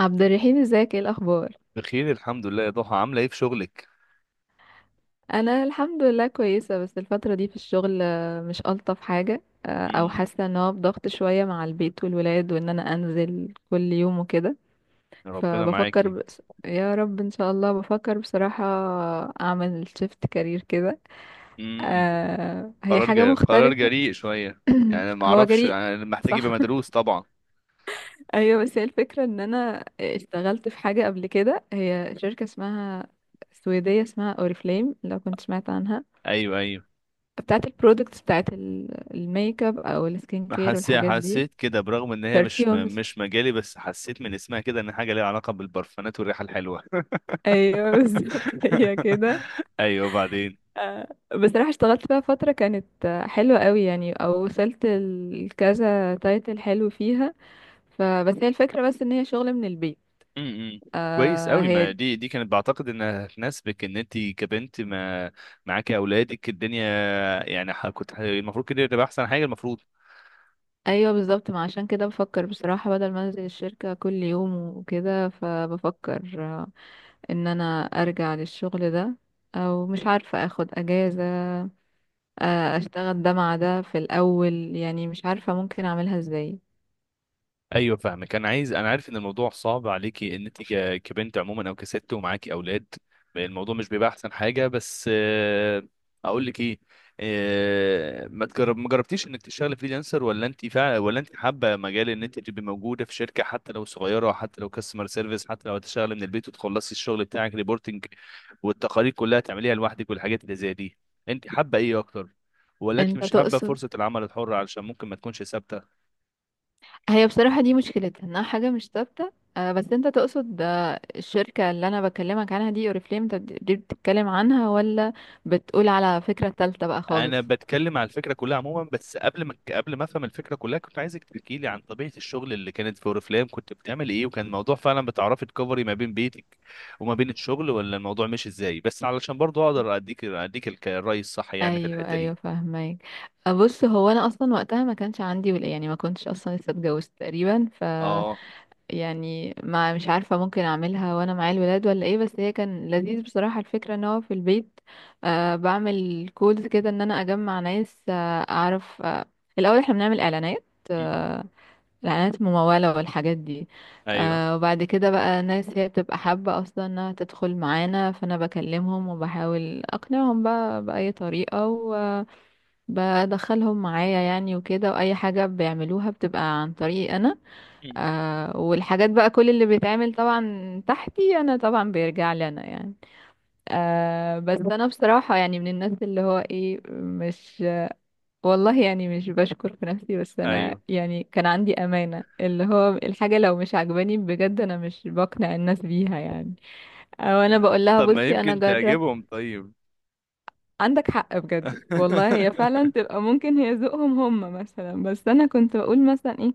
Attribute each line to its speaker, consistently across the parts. Speaker 1: عبد الرحيم، ازيك؟ ايه الاخبار؟
Speaker 2: بخير الحمد لله يا ضحى، عاملة ايه في شغلك؟
Speaker 1: انا الحمد لله كويسه. بس الفتره دي في الشغل مش الطف حاجه. او
Speaker 2: امم.
Speaker 1: حاسه ان هو بضغط شويه مع البيت والولاد، وان انا انزل كل يوم وكده.
Speaker 2: ربنا
Speaker 1: فبفكر،
Speaker 2: معاكي.
Speaker 1: بس يا رب ان شاء الله، بفكر بصراحه اعمل شيفت كارير كده.
Speaker 2: امم.
Speaker 1: هي
Speaker 2: قرار
Speaker 1: حاجه
Speaker 2: جريء، قرار
Speaker 1: مختلفه.
Speaker 2: جريء شوية. يعني ما
Speaker 1: هو
Speaker 2: اعرفش،
Speaker 1: جريء.
Speaker 2: يعني محتاج
Speaker 1: صح.
Speaker 2: يبقى مدروس طبعا.
Speaker 1: ايوه. بس هي الفكره ان انا اشتغلت في حاجه قبل كده، هي شركه اسمها سويديه اسمها اوريفليم، لو كنت سمعت عنها.
Speaker 2: ايوه، ايوه.
Speaker 1: بتاعت البرودكتس، بتاعت الميك اب او السكين كير
Speaker 2: حسيت
Speaker 1: والحاجات دي.
Speaker 2: حسيت كده، برغم ان هي مش
Speaker 1: برفيومز.
Speaker 2: مش مجالي، بس حسيت من اسمها كده ان حاجة ليها علاقة بالبرفانات والريحة الحلوة.
Speaker 1: ايوه بالظبط هي كده.
Speaker 2: ايوه، بعدين.
Speaker 1: آه، بصراحة اشتغلت فيها فترة كانت حلوة قوي يعني، او وصلت لكذا تايتل حلو فيها. فبس هي الفكرة بس ان هي شغل من البيت.
Speaker 2: امم. كويس
Speaker 1: آه
Speaker 2: قوي.
Speaker 1: هي
Speaker 2: ما
Speaker 1: دي.
Speaker 2: دي كانت بعتقد انها تناسبك، ان انت كبنت ما معاكي اولادك الدنيا. يعني المفروض كده تبقى احسن حاجة المفروض.
Speaker 1: ايوه بالظبط، ما عشان كده بفكر بصراحة، بدل ما انزل الشركة كل يوم وكده، فبفكر ان انا ارجع للشغل ده، او مش عارفة اخد اجازة، اشتغل ده مع ده في الاول. يعني مش عارفة ممكن اعملها ازاي.
Speaker 2: ايوه، فاهمك. انا عارف ان الموضوع صعب عليكي، ان انت كبنت عموما، او كست ومعاكي اولاد. الموضوع مش بيبقى احسن حاجه، بس اقول لك ايه. ما جربتيش انك تشتغلي فريلانسر، ولا انت حابه مجال ان انت تبقي موجوده في شركه، حتى لو صغيره، حتى لو كاستمر سيرفيس، حتى لو هتشتغلي من البيت وتخلصي الشغل بتاعك ريبورتنج والتقارير كلها تعمليها لوحدك والحاجات اللي زي دي. انت حابه ايه اكتر؟ ولا انت
Speaker 1: انت
Speaker 2: مش حابه
Speaker 1: تقصد؟
Speaker 2: فرصه العمل الحر علشان ممكن ما تكونش ثابته؟
Speaker 1: هي بصراحة دي مشكلتها انها حاجة مش ثابتة، بس انت تقصد الشركة اللي انا بكلمك عنها دي اوريفليم، انت دي بتتكلم عنها؟ ولا بتقول على فكرة تالتة بقى
Speaker 2: انا
Speaker 1: خالص؟
Speaker 2: بتكلم على الفكره كلها عموما، بس قبل ما افهم الفكره كلها كنت عايزك تحكي لي عن طبيعه الشغل اللي كانت في اوريفلام، كنت بتعمل ايه، وكان الموضوع فعلا بتعرفي تكفري ما بين بيتك وما بين الشغل، ولا الموضوع مش ازاي؟ بس علشان برضو اقدر اديك الرأي الصح يعني في
Speaker 1: ايوه
Speaker 2: الحته
Speaker 1: ايوه،
Speaker 2: دي.
Speaker 1: فاهمك. بص، هو انا اصلا وقتها ما كانش عندي ولا، يعني ما كنتش اصلا لسه اتجوزت تقريبا.
Speaker 2: اه.
Speaker 1: يعني ما مش عارفة ممكن أعملها وأنا مع الولاد ولا إيه، بس هي كان لذيذ بصراحة الفكرة إن هو في البيت. آه، بعمل كودز كده إن أنا أجمع ناس آه أعرف آه. الأول إحنا بنعمل إعلانات،
Speaker 2: مم.
Speaker 1: آه، الإعلانات الممولة والحاجات دي.
Speaker 2: ايوه.
Speaker 1: آه، وبعد كده بقى ناس هي بتبقى حابة أصلا إنها تدخل معانا، فأنا بكلمهم وبحاول أقنعهم بقى بأي طريقة وبدخلهم معايا يعني وكده. وأي حاجة بيعملوها بتبقى عن طريقي أنا.
Speaker 2: مم.
Speaker 1: آه، والحاجات بقى كل اللي بيتعمل طبعا تحتي انا طبعا بيرجع لي انا يعني. آه، بس انا بصراحة يعني من الناس اللي هو ايه، مش والله يعني مش بشكر في نفسي. بس انا
Speaker 2: ايوه.
Speaker 1: يعني كان عندي امانة، اللي هو الحاجة لو مش عجباني بجد، انا مش بقنع الناس بيها يعني. او انا
Speaker 2: آه،
Speaker 1: بقول لها
Speaker 2: طب ما
Speaker 1: بصي انا
Speaker 2: يمكن
Speaker 1: جرب.
Speaker 2: تعجبهم؟ طيب.
Speaker 1: عندك حق بجد والله، هي فعلا تبقى ممكن هي ذوقهم هم مثلا. بس انا كنت بقول مثلا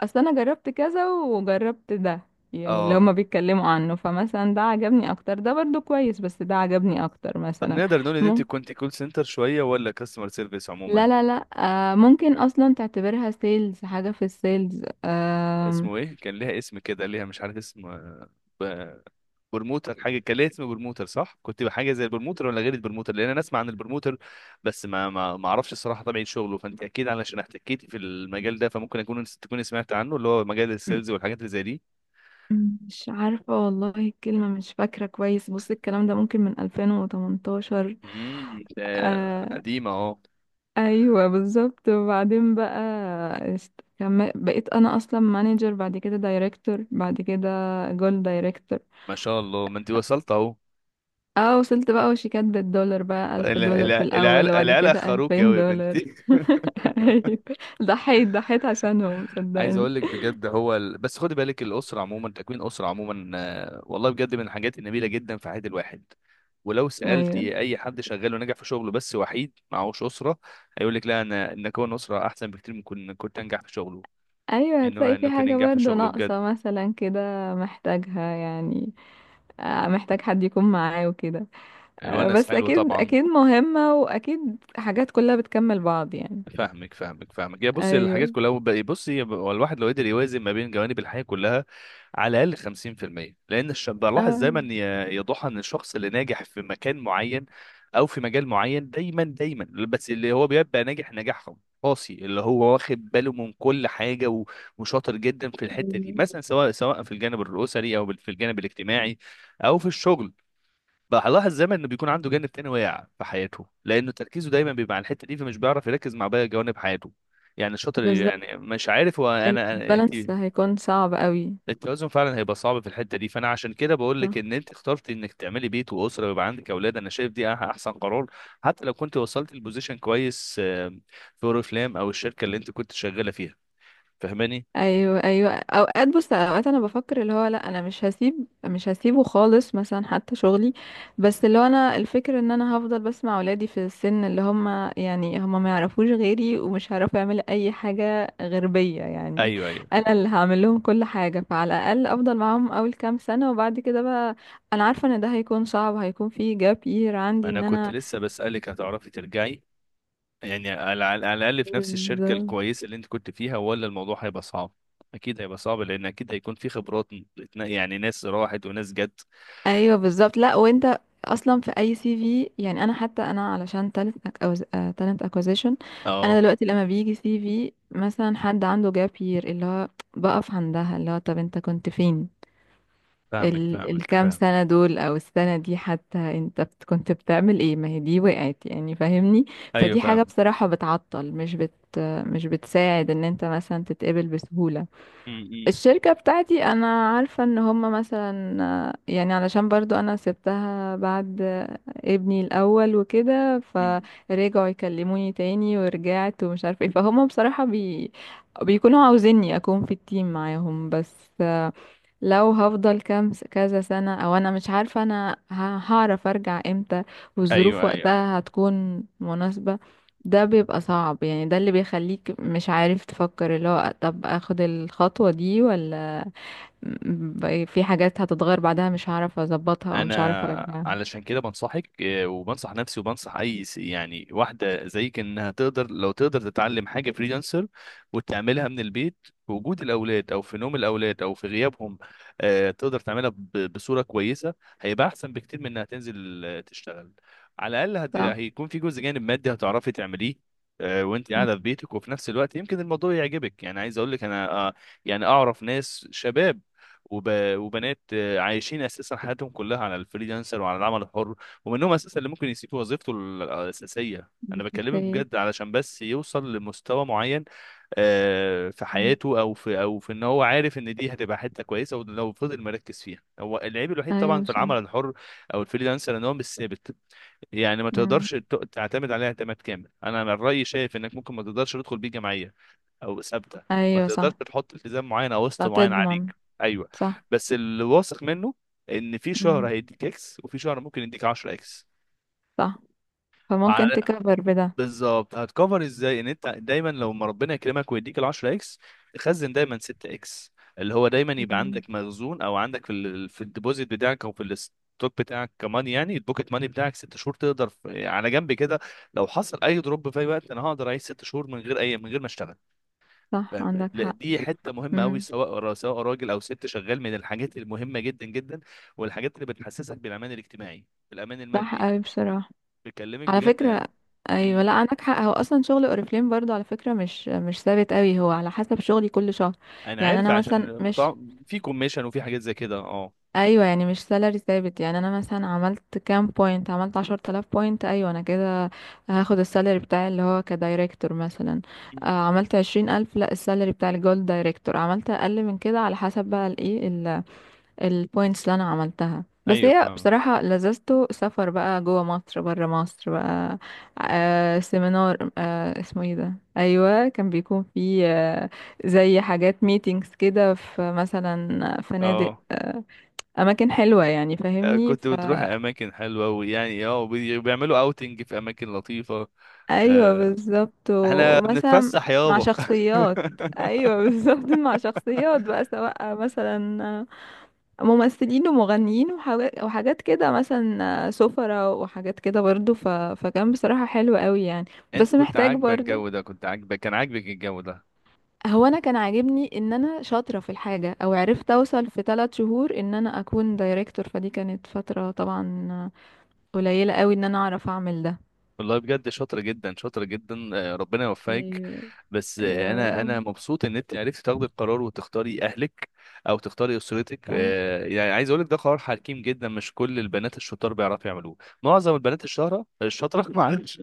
Speaker 1: اصل انا جربت كذا وجربت ده، يعني اللي هما
Speaker 2: اه.
Speaker 1: بيتكلموا عنه، فمثلا ده عجبني اكتر، ده برضو كويس بس ده عجبني اكتر
Speaker 2: طب
Speaker 1: مثلا.
Speaker 2: نقدر نقول ان انت
Speaker 1: مم.
Speaker 2: كنت كول سنتر شويه، ولا كاستمر سيرفيس
Speaker 1: لا
Speaker 2: عموما؟
Speaker 1: لا لا. آه، ممكن اصلا تعتبرها سيلز، حاجة في السيلز. آه،
Speaker 2: اسمه ايه؟ كان ليها اسم كده، ليها مش عارف اسم. ب- برموتر، حاجه كان ليها اسم برموتر صح. كنت بحاجه زي البرموتر ولا غير البرموتر؟ لان انا اسمع عن البرموتر، بس ما اعرفش الصراحه طبيعه شغله. فانت اكيد علشان احتكيتي في المجال ده، فممكن تكوني سمعت عنه، اللي هو مجال السيلز والحاجات اللي زي دي.
Speaker 1: مش عارفة والله الكلمة مش فاكرة كويس. بص، الكلام ده ممكن من 2018.
Speaker 2: ده
Speaker 1: آه،
Speaker 2: قديمه اهو.
Speaker 1: ايوه بالظبط. وبعدين بقى، بقيت انا اصلا مانجر، بعد كده دايركتور، بعد كده جول دايركتور.
Speaker 2: ما شاء الله، ما انت وصلت اهو.
Speaker 1: اه وصلت بقى، وشيكات بالدولار بقى. ألف دولار في الأول،
Speaker 2: العيال،
Speaker 1: وبعد
Speaker 2: العيال
Speaker 1: كده
Speaker 2: اخروك
Speaker 1: ألفين
Speaker 2: قوي يا
Speaker 1: دولار
Speaker 2: بنتي.
Speaker 1: أيوة. ضحيت ضحيت عشانهم
Speaker 2: عايز
Speaker 1: صدقني.
Speaker 2: اقول لك بجد، بس خدي بالك، الاسره عموما، تكوين اسره عموما، والله بجد من الحاجات النبيله جدا في حياه الواحد. ولو
Speaker 1: أيوة.
Speaker 2: سالتي اي حد شغال ونجح في شغله بس وحيد معهوش اسره، هيقول لك لا، انا ان اكون اسره احسن بكتير من كنت انجح في شغله،
Speaker 1: أيوة
Speaker 2: انه
Speaker 1: هتلاقي في
Speaker 2: انه كان
Speaker 1: حاجة
Speaker 2: ينجح في
Speaker 1: برضو
Speaker 2: شغله بجد.
Speaker 1: ناقصة مثلا كده، محتاجها يعني. آه، محتاج حد يكون معاه وكده. آه،
Speaker 2: الونس
Speaker 1: بس
Speaker 2: حلو
Speaker 1: أكيد
Speaker 2: طبعا.
Speaker 1: أكيد مهمة، وأكيد حاجات كلها بتكمل بعض يعني.
Speaker 2: فاهمك، فاهمك، فاهمك. يا بص الحاجات
Speaker 1: أيوة.
Speaker 2: كلها بقى- بص، هو الواحد لو قدر يوازن ما بين جوانب الحياه كلها على الاقل 50%. بلاحظ
Speaker 1: آه.
Speaker 2: دايما يا ضحى، ان الشخص اللي ناجح في مكان معين او في مجال معين دايما، دايما، بس اللي هو بيبقى ناجح نجاح قاسي، اللي هو واخد باله من كل حاجه وشاطر جدا في الحته دي،
Speaker 1: أيوة.
Speaker 2: مثلا سواء في الجانب الاسري او في الجانب الاجتماعي او في الشغل، بلاحظ دايما انه بيكون عنده جانب تاني واقع في حياته، لانه تركيزه دايما بيبقى على الحته دي فمش بيعرف يركز مع باقي جوانب حياته. يعني الشاطر،
Speaker 1: بالظبط،
Speaker 2: يعني مش عارف هو انا انت.
Speaker 1: البالانس هيكون صعب قوي.
Speaker 2: التوازن فعلا هيبقى صعب في الحته دي. فانا عشان كده بقول لك
Speaker 1: صح.
Speaker 2: ان انت اخترت انك تعملي بيت واسره ويبقى عندك اولاد، انا شايف دي احسن قرار. حتى لو كنت وصلت البوزيشن كويس، في اوريفلام او الشركه اللي انت كنت شغاله فيها. فاهماني؟
Speaker 1: ايوه ايوه، اوقات، بص اوقات انا بفكر اللي هو لا، انا مش هسيب، مش هسيبه خالص مثلا حتى شغلي. بس اللي هو انا الفكر ان انا هفضل بسمع اولادي في السن اللي هم، يعني هم ما يعرفوش غيري ومش هيعرفوا يعملوا اي حاجه غير بيا يعني.
Speaker 2: ايوه، ايوه.
Speaker 1: انا اللي هعمل لهم كل حاجه، فعلى الاقل افضل معاهم اول كام سنه وبعد كده بقى. انا عارفه ان ده هيكون صعب، هيكون فيه جاب يير عندي
Speaker 2: انا
Speaker 1: ان
Speaker 2: كنت
Speaker 1: انا.
Speaker 2: لسه بسالك هتعرفي ترجعي يعني، على الاقل في نفس الشركه
Speaker 1: بالظبط.
Speaker 2: الكويسه اللي انت كنت فيها، ولا الموضوع هيبقى صعب؟ اكيد هيبقى صعب، لان اكيد هيكون في خبرات، يعني ناس راحت وناس جت.
Speaker 1: ايوه بالظبط. لا وانت اصلا في اي سي في، يعني انا حتى انا علشان تالنت اكوزيشن. انا
Speaker 2: اه،
Speaker 1: دلوقتي لما بيجي سي في مثلا حد عنده جاب يير، اللي هو بقف عندها، اللي هو طب انت كنت فين
Speaker 2: فاهمك،
Speaker 1: ال
Speaker 2: فاهمك،
Speaker 1: الكام
Speaker 2: فاهم.
Speaker 1: سنة دول، او السنة دي حتى انت كنت بتعمل ايه، ما هي دي وقعت يعني فاهمني.
Speaker 2: ايوه،
Speaker 1: فدي حاجة
Speaker 2: فاهمك.
Speaker 1: بصراحة بتعطل، مش بتساعد ان انت مثلا تتقبل بسهولة.
Speaker 2: م- م-
Speaker 1: الشركة بتاعتي انا عارفة ان هما مثلا يعني علشان برضو انا سبتها بعد ابني الاول وكده،
Speaker 2: م.
Speaker 1: فرجعوا يكلموني تاني ورجعت، ومش عارفة ايه. بيكونوا عاوزيني اكون في التيم معاهم. بس آه، لو هفضل كذا سنة، او انا مش عارفة انا هعرف ارجع امتى، والظروف
Speaker 2: ايوه، ايوه، أيوه.
Speaker 1: وقتها هتكون مناسبة. ده بيبقى صعب يعني. ده اللي بيخليك مش عارف تفكر اللي هو طب اخد الخطوة دي ولا، في حاجات هتتغير بعدها مش هعرف اظبطها او مش هعرف
Speaker 2: انا
Speaker 1: ارجعها.
Speaker 2: علشان كده بنصحك، وبنصح نفسي وبنصح يعني واحده زيك، انها تقدر لو تقدر تتعلم حاجه فريلانسر وتعملها من البيت في وجود الاولاد او في نوم الاولاد او في غيابهم. تقدر تعملها بصوره كويسه. هيبقى احسن بكتير من انها تنزل تشتغل. على الاقل
Speaker 1: صح.
Speaker 2: هيكون في جزء جانب مادي هتعرفي تعمليه وانت
Speaker 1: مم.
Speaker 2: قاعده في بيتك، وفي نفس الوقت يمكن الموضوع يعجبك. يعني عايز اقول لك انا، يعني اعرف ناس شباب وب... وبنات عايشين اساسا حياتهم كلها على الفريلانسر وعلى العمل الحر، ومنهم اساسا اللي ممكن يسيب وظيفته الاساسيه، انا
Speaker 1: مش
Speaker 2: بكلمك
Speaker 1: مستاهل.
Speaker 2: بجد، علشان بس يوصل لمستوى معين في
Speaker 1: مم.
Speaker 2: حياته، او في، ان هو عارف ان دي هتبقى حته كويسه ولو فضل مركز فيها. هو العيب الوحيد طبعا
Speaker 1: ايوه
Speaker 2: في
Speaker 1: صح.
Speaker 2: العمل الحر او الفريلانسر ان هو مش ثابت، يعني ما
Speaker 1: مم.
Speaker 2: تقدرش تعتمد عليه اعتماد كامل. انا من رايي شايف انك ممكن ما تقدرش تدخل بيه جمعيه او ثابته، ما
Speaker 1: ايوه
Speaker 2: تقدرش
Speaker 1: صح.
Speaker 2: تحط التزام معين او قسط
Speaker 1: لا
Speaker 2: معين
Speaker 1: تضمن.
Speaker 2: عليك. ايوه.
Speaker 1: صح.
Speaker 2: بس اللي واثق منه ان في شهر
Speaker 1: مم.
Speaker 2: هيديك اكس، وفي شهر ممكن يديك 10 اكس.
Speaker 1: صح.
Speaker 2: مع-
Speaker 1: فممكن تكبر بده.
Speaker 2: بالظبط، هتكفر ازاي ان انت دايما لو ما ربنا يكرمك ويديك ال 10 اكس، تخزن دايما 6 اكس، اللي هو دايما يبقى
Speaker 1: مم.
Speaker 2: عندك مخزون، او عندك في الديبوزيت بتاعك او في الستوك بتاعك. كمان يعني البوكيت ماني بتاعك 6 شهور، تقدر على جنب كده، لو حصل اي دروب في اي وقت انا هقدر اعيش 6 شهور من غير ما اشتغل.
Speaker 1: صح
Speaker 2: فاهم؟
Speaker 1: عندك
Speaker 2: لا،
Speaker 1: حق.
Speaker 2: دي حته مهمه قوي،
Speaker 1: مم.
Speaker 2: سواء سواء راجل او ست شغال، من الحاجات المهمه جدا جدا، والحاجات اللي بتحسسك بالامان الاجتماعي، بالامان
Speaker 1: صح
Speaker 2: المادي.
Speaker 1: اوي بصراحة.
Speaker 2: بكلمك
Speaker 1: على
Speaker 2: بجد يعني.
Speaker 1: فكرة، ايوه
Speaker 2: امم.
Speaker 1: لا عندك حق. هو اصلا شغل اوريفليم برضو على فكرة، مش ثابت قوي، هو على حسب شغلي كل شهر.
Speaker 2: انا
Speaker 1: يعني
Speaker 2: عارف،
Speaker 1: انا مثلا
Speaker 2: عشان
Speaker 1: مش،
Speaker 2: بتاع في كوميشن وفي حاجات زي كده، اه.
Speaker 1: ايوه يعني مش سالري ثابت. يعني انا مثلا عملت كام بوينت، عملت 10 تلاف بوينت ايوه انا كده هاخد السالري بتاعي اللي هو كدايركتور مثلا،
Speaker 2: مم.
Speaker 1: عملت 20 الف لا، السالري بتاع الجولد دايركتور عملت اقل من كده على حسب بقى الايه البوينتس اللي انا عملتها. بس
Speaker 2: ايوه،
Speaker 1: هي
Speaker 2: فاهم.
Speaker 1: بصراحة لذته سفر بقى، جوه مصر بره مصر بقى، آه سيمينار، آه اسمه ايه ده، ايوه كان بيكون فيه آه زي حاجات ميتينجز كده في مثلا فنادق،
Speaker 2: اه،
Speaker 1: اماكن حلوة يعني فاهمني
Speaker 2: كنت بتروح
Speaker 1: فا.
Speaker 2: اماكن حلوه، ويعني اه، وبيعملوا اوتنج في اماكن لطيفه.
Speaker 1: ايوه
Speaker 2: آه،
Speaker 1: بالظبط،
Speaker 2: احنا
Speaker 1: ومثلا
Speaker 2: بنتفسح
Speaker 1: مع
Speaker 2: يابا.
Speaker 1: شخصيات. ايوه بالظبط، مع شخصيات بقى، سواء مثلا ممثلين ومغنيين وحاجات وحاجات كده، مثلا سفرة وحاجات كده برضو، فكان بصراحة حلو قوي يعني.
Speaker 2: انت
Speaker 1: بس
Speaker 2: كنت
Speaker 1: محتاج
Speaker 2: عاجبك
Speaker 1: برضو،
Speaker 2: الجو ده؟ كنت عاجبك كان عاجبك الجو ده؟
Speaker 1: هو انا كان عاجبني ان انا شاطرة في الحاجة، او عرفت اوصل في 3 شهور ان انا اكون دايركتور. فدي كانت فترة طبعا قليلة قوي ان انا اعرف اعمل ده.
Speaker 2: والله بجد شاطرة جدا، شاطرة جدا. ربنا يوفقك.
Speaker 1: ايوه.
Speaker 2: بس
Speaker 1: يا
Speaker 2: انا
Speaker 1: رب.
Speaker 2: مبسوط ان انت عرفتي تاخدي القرار وتختاري اهلك او تختاري اسرتك.
Speaker 1: صح.
Speaker 2: يعني عايز اقول لك، ده قرار حكيم جدا، مش كل البنات الشطار بيعرفوا يعملوه. معظم البنات الشاطره، معلش،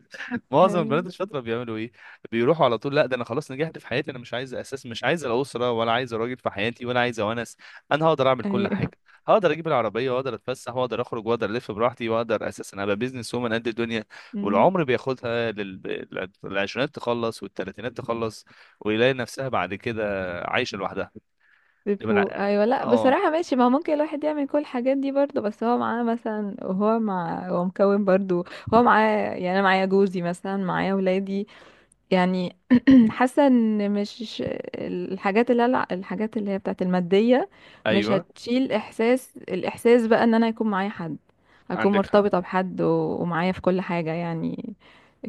Speaker 2: معظم البنات
Speaker 1: ايوه
Speaker 2: الشاطره بيعملوا ايه؟ بيروحوا على طول، لا ده انا خلاص نجحت في حياتي، انا مش عايز الاسره ولا عايز راجل في حياتي ولا عايز ونس، انا هقدر اعمل كل
Speaker 1: ايوه.
Speaker 2: حاجه، هقدر اجيب العربيه واقدر اتفسح واقدر اخرج واقدر الف براحتي، واقدر اساسا ابقى بيزنس وومن قد الدنيا.
Speaker 1: امم.
Speaker 2: والعمر بياخدها للعشرينات تخلص والتلاتينات تخلص، ويلاقي نفسها بعد كده عايشة لوحدها. يبقى
Speaker 1: بيفوق،
Speaker 2: أنا-
Speaker 1: ايوه لا
Speaker 2: اه،
Speaker 1: بصراحه ماشي. ما هو ممكن الواحد يعمل كل الحاجات دي برضه، بس هو معاه مثلا، هو مكون برضه، هو معاه. يعني انا معايا جوزي مثلا، معايا ولادي يعني. حاسه ان مش، الحاجات اللي هي بتاعت الماديه مش
Speaker 2: ايوه،
Speaker 1: هتشيل احساس، الاحساس بقى ان انا يكون معايا حد، اكون
Speaker 2: عندك حق،
Speaker 1: مرتبطه بحد، ومعايا في كل حاجه يعني.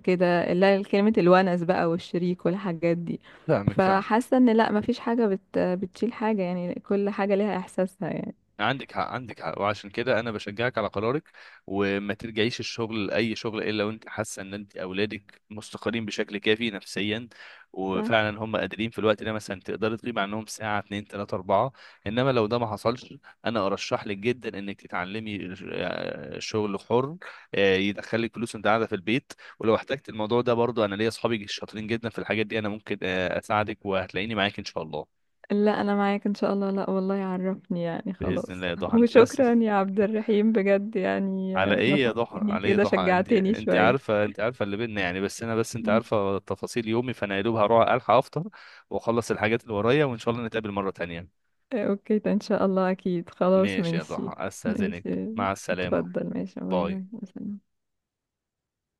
Speaker 1: كده لا، كلمه الونس بقى والشريك والحاجات دي.
Speaker 2: فاهمك، فاهمك،
Speaker 1: فحاسه ان لا، مفيش حاجه بتشيل حاجه يعني، كل حاجه ليها احساسها يعني.
Speaker 2: عندك حق، عندك حق، وعشان كده انا بشجعك على قرارك. وما ترجعيش الشغل لاي شغل الا وانت حاسه ان انت اولادك مستقرين بشكل كافي نفسيا،
Speaker 1: صح.
Speaker 2: وفعلا هم قادرين في الوقت ده، مثلا تقدري تغيبي عنهم ساعه، اتنين، تلاته، اربعه. انما لو ده ما حصلش، انا ارشح لك جدا انك تتعلمي شغل حر، يدخلك فلوس وانت قاعده في البيت. ولو احتجت الموضوع ده برضو انا ليا اصحابي شاطرين جدا في الحاجات دي، انا ممكن اساعدك وهتلاقيني معاك ان شاء الله.
Speaker 1: لا انا معاك ان شاء الله. لا والله عرفني يعني،
Speaker 2: باذن الله
Speaker 1: خلاص.
Speaker 2: يا ضحى، انت بس
Speaker 1: وشكرا يا عبد الرحيم بجد يعني.
Speaker 2: على ايه يا ضحى؟
Speaker 1: نصحتني
Speaker 2: على ايه يا
Speaker 1: كده،
Speaker 2: ضحى؟ انت
Speaker 1: شجعتني
Speaker 2: انت
Speaker 1: شوية.
Speaker 2: عارفه، انت عارفه اللي بينا يعني. بس انا، بس انت
Speaker 1: مم.
Speaker 2: عارفه تفاصيل يومي، فانا يا دوب هروح الحق افطر واخلص الحاجات اللي ورايا وان شاء الله نتقابل مره تانية.
Speaker 1: اوكي، ده ان شاء الله اكيد. خلاص
Speaker 2: ماشي يا
Speaker 1: ماشي.
Speaker 2: ضحى، استاذنك.
Speaker 1: ماشي.
Speaker 2: مع السلامه.
Speaker 1: اتفضل ماشي. باي
Speaker 2: باي.
Speaker 1: باي مثلا.